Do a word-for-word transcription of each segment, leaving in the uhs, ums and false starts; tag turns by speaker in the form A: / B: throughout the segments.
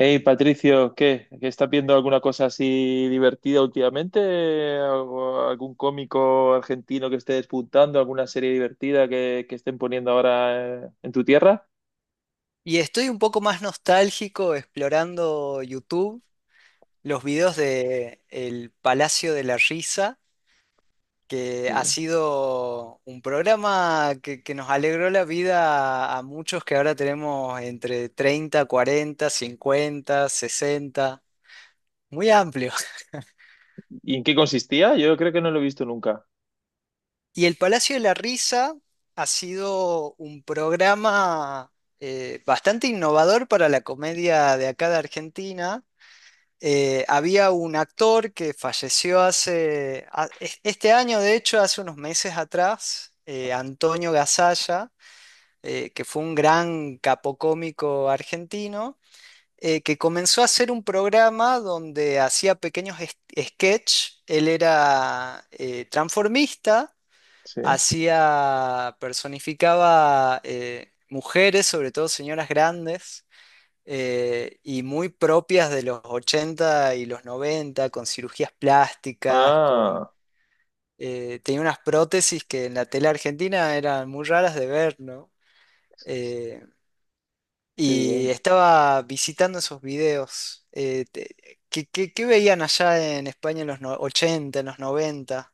A: Hey, Patricio, ¿qué? ¿Qué estás viendo alguna cosa así divertida últimamente? ¿Algo- ¿Algún cómico argentino que esté despuntando? ¿Alguna serie divertida que, que estén poniendo ahora eh, en tu tierra?
B: Y estoy un poco más nostálgico explorando YouTube, los videos de El Palacio de la Risa, que
A: Sí.
B: ha sido un programa que, que nos alegró la vida a muchos que ahora tenemos entre treinta cuarenta cincuenta sesenta muy amplio.
A: ¿Y en qué consistía? Yo creo que no lo he visto nunca.
B: Y El Palacio de la Risa ha sido un programa eh, bastante innovador para la comedia de acá de Argentina. Eh, había un actor que falleció hace, a- es- este año, de hecho, hace unos meses atrás, eh, Antonio Gasalla, eh, que fue un gran capocómico argentino, eh, que comenzó a hacer un programa donde hacía pequeños es- sketch. Él era eh, transformista,
A: Sí.
B: hacía, personificaba eh, mujeres, sobre todo señoras grandes eh, y muy propias de los ochenta y los noventa con cirugías plásticas, con...
A: Ah,
B: eh, tenía unas prótesis que en la tele argentina eran muy raras de ver, ¿no? Eh,
A: qué
B: y
A: bien.
B: estaba visitando esos videos. eh, te- ¿qué, qué- qué veían allá en España en los no- ochenta, en los noventa?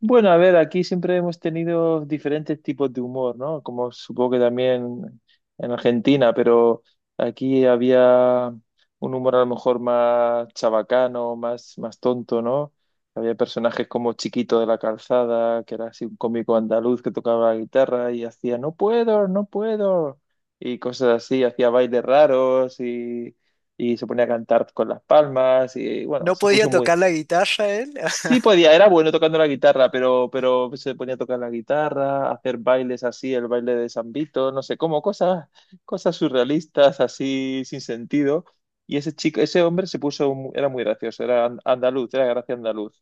A: Bueno, a ver, aquí siempre hemos tenido diferentes tipos de humor, ¿no? Como supongo que también en Argentina, pero aquí había un humor a lo mejor más chabacano, más, más tonto, ¿no? Había personajes como Chiquito de la Calzada, que era así un cómico andaluz que tocaba la guitarra y hacía no puedo, no puedo, y cosas así, hacía bailes raros y, y se ponía a cantar con las palmas y bueno,
B: ¿No
A: se
B: podía
A: puso muy
B: tocar la guitarra él?
A: Sí podía, era bueno tocando la guitarra, pero, pero se ponía a tocar la guitarra, a hacer bailes así, el baile de San Vito, no sé cómo, cosas, cosas surrealistas, así sin sentido. Y ese chico, ese hombre se puso, mu- era muy gracioso, era an- andaluz, era gracia andaluz.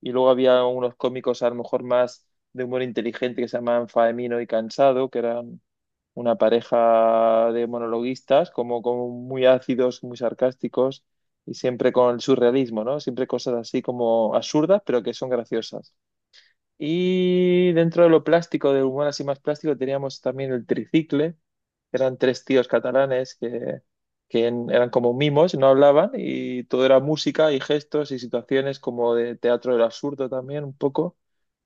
A: Y luego había unos cómicos a lo mejor más de humor inteligente que se llamaban Faemino y Cansado, que eran una pareja de monologuistas como, como muy ácidos, muy sarcásticos y siempre con el surrealismo, ¿no? Siempre cosas así como absurdas, pero que son graciosas. Y dentro de lo plástico, del humor así más plástico, teníamos también el tricicle, eran tres tíos catalanes que, que en- eran como mimos, no hablaban y todo era música y gestos y situaciones como de teatro del absurdo también un poco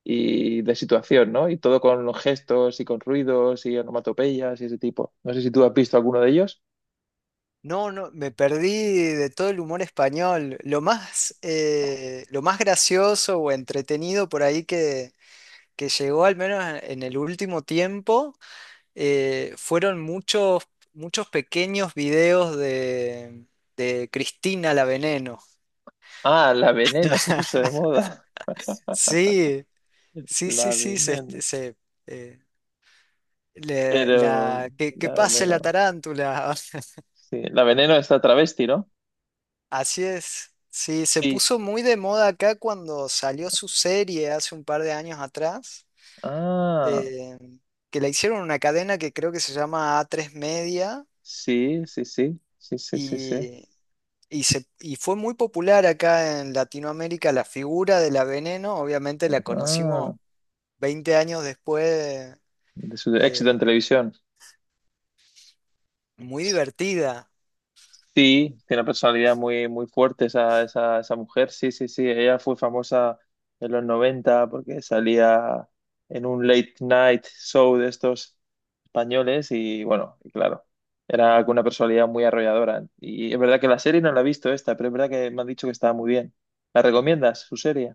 A: y de situación, ¿no? Y todo con los gestos y con ruidos y onomatopeyas y ese tipo. No sé si tú has visto alguno de ellos.
B: No, no, me perdí de todo el humor español. Lo más, eh, lo más gracioso o entretenido por ahí que, que llegó al menos en en el último tiempo, eh, fueron muchos, muchos pequeños videos de, de Cristina la Veneno.
A: Ah, la Veneno se puso de moda.
B: Sí, sí, sí,
A: La
B: sí, se, este,
A: Veneno.
B: se, eh, le-
A: Pero
B: la, que, que
A: la
B: pase la
A: Veneno.
B: tarántula.
A: Sí, la Veneno está travesti, ¿no?
B: Así es. Sí, se
A: Sí.
B: puso muy de moda acá cuando salió su serie hace un par de años atrás,
A: Ah,
B: eh, que la hicieron en una cadena que creo que se llama a tres Media.
A: sí, sí, sí. Sí, sí, sí, sí.
B: Y, Y, se, y fue muy popular acá en Latinoamérica la figura de la Veneno, obviamente la
A: Ah,
B: conocimos veinte años después,
A: de su éxito en
B: eh,
A: televisión.
B: muy divertida.
A: Sí, tiene una personalidad muy, muy fuerte esa, esa, esa mujer. Sí, sí, sí. Ella fue famosa en los noventa porque salía en un late night show de estos españoles y bueno, y claro, era con una personalidad muy arrolladora. Y es verdad que la serie no la he visto esta, pero es verdad que me han dicho que estaba muy bien. ¿La recomiendas, su serie?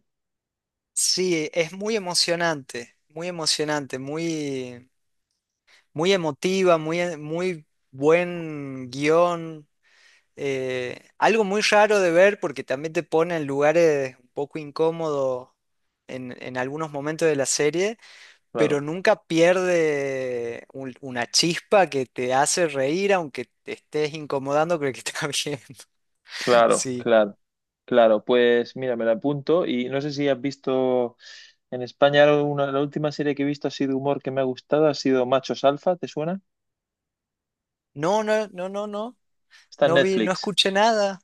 B: Sí, es muy emocionante, muy emocionante, muy, muy emotiva, muy, eh, muy buen guión. Eh, algo muy raro de ver porque también te pone en lugares un poco incómodos en, en algunos momentos de la serie, pero
A: Claro,
B: nunca pierde un- una chispa que te hace reír aunque te estés incomodando con el que está viendo.
A: claro,
B: Sí.
A: claro. Claro, pues mira, me la apunto y no sé si has visto en España una, la última serie que he visto ha sido humor que me ha gustado, ha sido Machos Alfa, ¿te suena?
B: No, no, no, no, no.
A: Está en
B: No vi, no
A: Netflix.
B: escuché nada.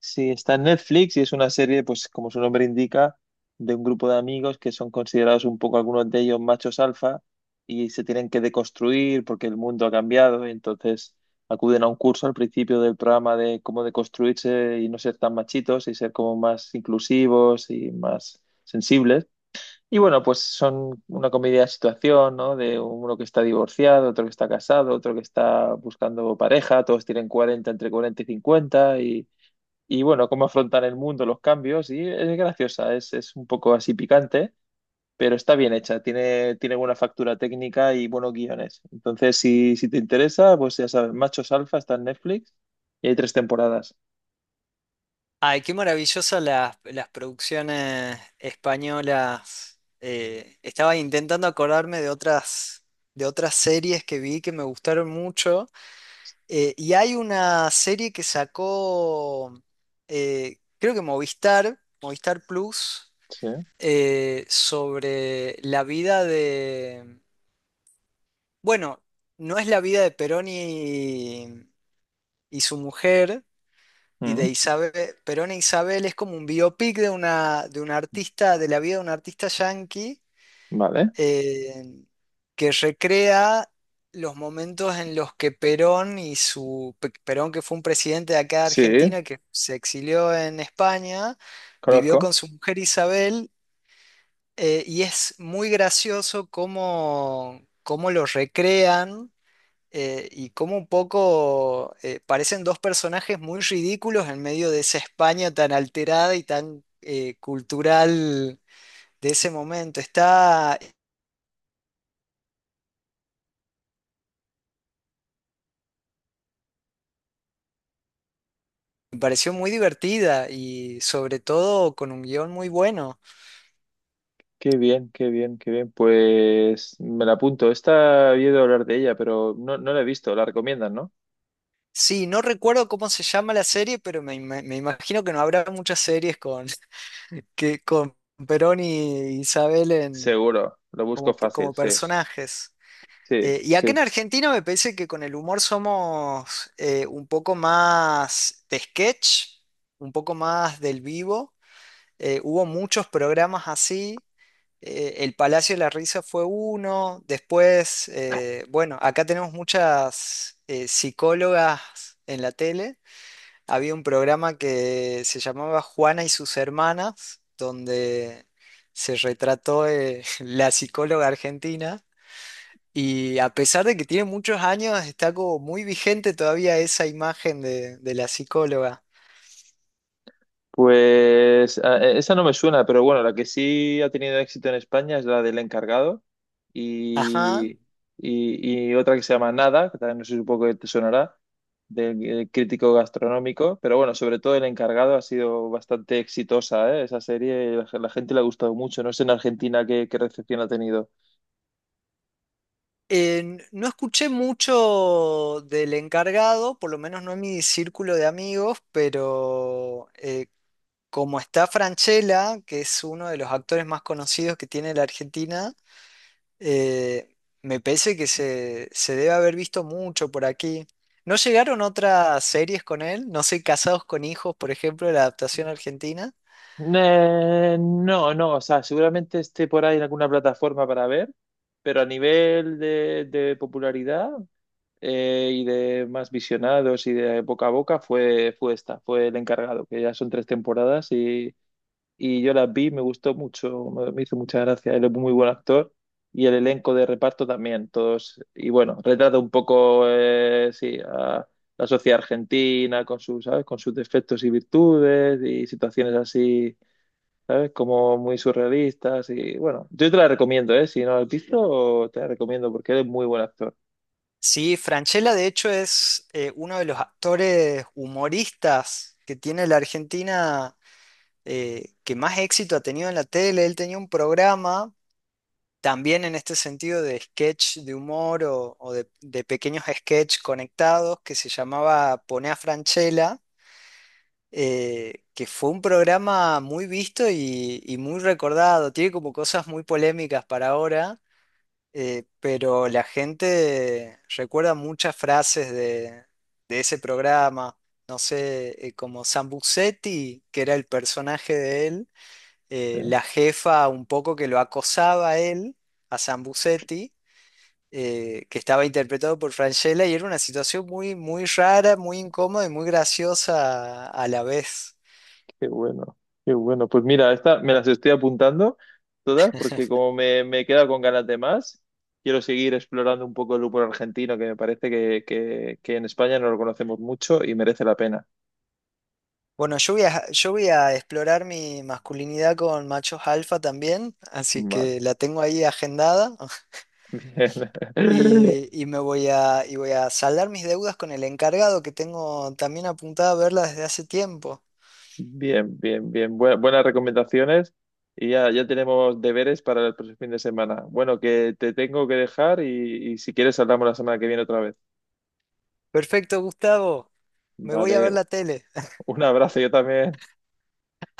A: Sí, está en Netflix y es una serie, pues como su nombre indica, de un grupo de amigos que son considerados un poco algunos de ellos machos alfa y se tienen que deconstruir porque el mundo ha cambiado y entonces acuden a un curso al principio del programa de cómo deconstruirse y no ser tan machitos y ser como más inclusivos y más sensibles. Y bueno, pues son una comedia de situación, ¿no? De uno que está divorciado, otro que está casado, otro que está buscando pareja, todos tienen cuarenta, entre cuarenta y cincuenta y, y bueno, cómo afrontar el mundo, los cambios, y es graciosa, es, es un poco así picante, pero está bien hecha, tiene, tiene buena factura técnica y buenos guiones. Entonces, si, si te interesa, pues ya sabes, Machos Alfa está en Netflix y hay tres temporadas.
B: Ay, qué maravillosas las, las producciones españolas. Eh, estaba intentando acordarme de otras, de otras series que vi que me gustaron mucho. Eh, y hay una serie que sacó, eh, creo que Movistar, Movistar Plus,
A: Sí.
B: eh, sobre la vida de... Bueno, no es la vida de Perón y, y su mujer y de
A: Mm,
B: Isabel. Perón e Isabel es como un biopic de una, de una artista, de la vida de un artista yanqui
A: vale.
B: eh, que recrea los momentos en los que Perón y su... Pe- Perón, que fue un presidente de acá de
A: Sí,
B: Argentina que se exilió en España. Vivió
A: conozco.
B: con su mujer Isabel. Eh, y es muy gracioso cómo, cómo lo recrean, eh, y cómo un poco eh, parecen dos personajes muy ridículos en medio de esa España tan alterada y tan eh, cultural de ese momento. Está, me pareció muy divertida y sobre todo con un guión muy bueno.
A: Qué bien, qué bien, qué bien. Pues me la apunto. Esta he oído hablar de ella, pero no, no la he visto. La recomiendan, ¿no?
B: Sí, no recuerdo cómo se llama la serie, pero me, ima- me imagino que no habrá muchas series con, que, con Perón y Isabel en
A: Seguro. Lo busco
B: como,
A: fácil,
B: como
A: sí.
B: personajes.
A: Sí,
B: Eh, y acá en
A: sí.
B: Argentina me parece que con el humor somos eh, un poco más de sketch, un poco más del vivo. Eh, hubo muchos programas así. Eh, El Palacio de la Risa fue uno. Después, eh, bueno, acá tenemos muchas eh, psicólogas en la tele. Había un programa que se llamaba Juana y sus hermanas, donde se retrató eh, la psicóloga argentina. Y a pesar de que tiene muchos años, está como muy vigente todavía esa imagen de, de la psicóloga.
A: Pues a- e- esa no me suena, pero bueno, la que sí ha tenido éxito en España es la del encargado
B: Ajá.
A: y, y, y otra que se llama Nada, que también no sé, supongo que te sonará, del eh, crítico gastronómico, pero bueno, sobre todo el encargado ha sido bastante exitosa, ¿eh? Esa serie, la, la gente le ha gustado mucho, no sé en Argentina qué, qué recepción ha tenido.
B: Eh, no escuché mucho del encargado, por lo menos no en mi círculo de amigos, pero eh, como está Franchella, que es uno de los actores más conocidos que tiene la Argentina, eh, me parece que se, se debe haber visto mucho por aquí. ¿No llegaron otras series con él? No sé, Casados con Hijos, por ejemplo, la adaptación argentina.
A: Eh, no, no, o sea, seguramente esté por ahí en alguna plataforma para ver, pero a nivel de, de popularidad, eh, y de más visionados y de boca a boca fue, fue esta, fue el encargado, que ya son tres temporadas y, y yo las vi, me gustó mucho, me, me hizo mucha gracia, él es muy buen actor y el elenco de reparto también, todos, y bueno, retrata un poco, eh, sí, a la sociedad argentina con sus, ¿sabes? Con sus defectos y virtudes y situaciones así. ¿Sabes? Como muy surrealistas y bueno, yo te la recomiendo, ¿eh? Si no la has visto, te la recomiendo porque él es muy buen actor.
B: Sí, Francella de hecho es eh, uno de los actores humoristas que tiene la Argentina, eh, que más éxito ha tenido en la tele. Él tenía un programa también en este sentido de sketch de humor o, o de, de pequeños sketch conectados que se llamaba Poné a Francella, eh, que fue un programa muy visto y, y muy recordado. Tiene como cosas muy polémicas para ahora, eh, pero la gente recuerda muchas frases de, de ese programa, no sé, eh, como Sambucetti, que era el personaje de él, eh,
A: ¿Sí?
B: la jefa un poco que lo acosaba a él, a Sambucetti, eh, que estaba interpretado por Francella, y era una situación muy, muy rara, muy incómoda y muy graciosa a, a la vez.
A: Qué bueno, qué bueno. Pues mira, esta me las estoy apuntando todas porque como me, me he quedado con ganas de más, quiero seguir explorando un poco el humor argentino que me parece que, que, que en España no lo conocemos mucho y merece la pena.
B: Bueno, yo voy a, yo voy a explorar mi masculinidad con machos alfa también, así
A: Vale,
B: que la tengo ahí agendada.
A: bien.
B: Y, y me voy a, y voy a saldar mis deudas con el encargado que tengo también apuntada a verla desde hace tiempo.
A: Bien, bien, bien. Bue- buenas recomendaciones y ya, ya tenemos deberes para el próximo fin de semana. Bueno, que te tengo que dejar y, y si quieres hablamos la semana que viene otra vez.
B: Perfecto, Gustavo. Me voy a
A: Vale,
B: ver la tele.
A: un abrazo, yo también.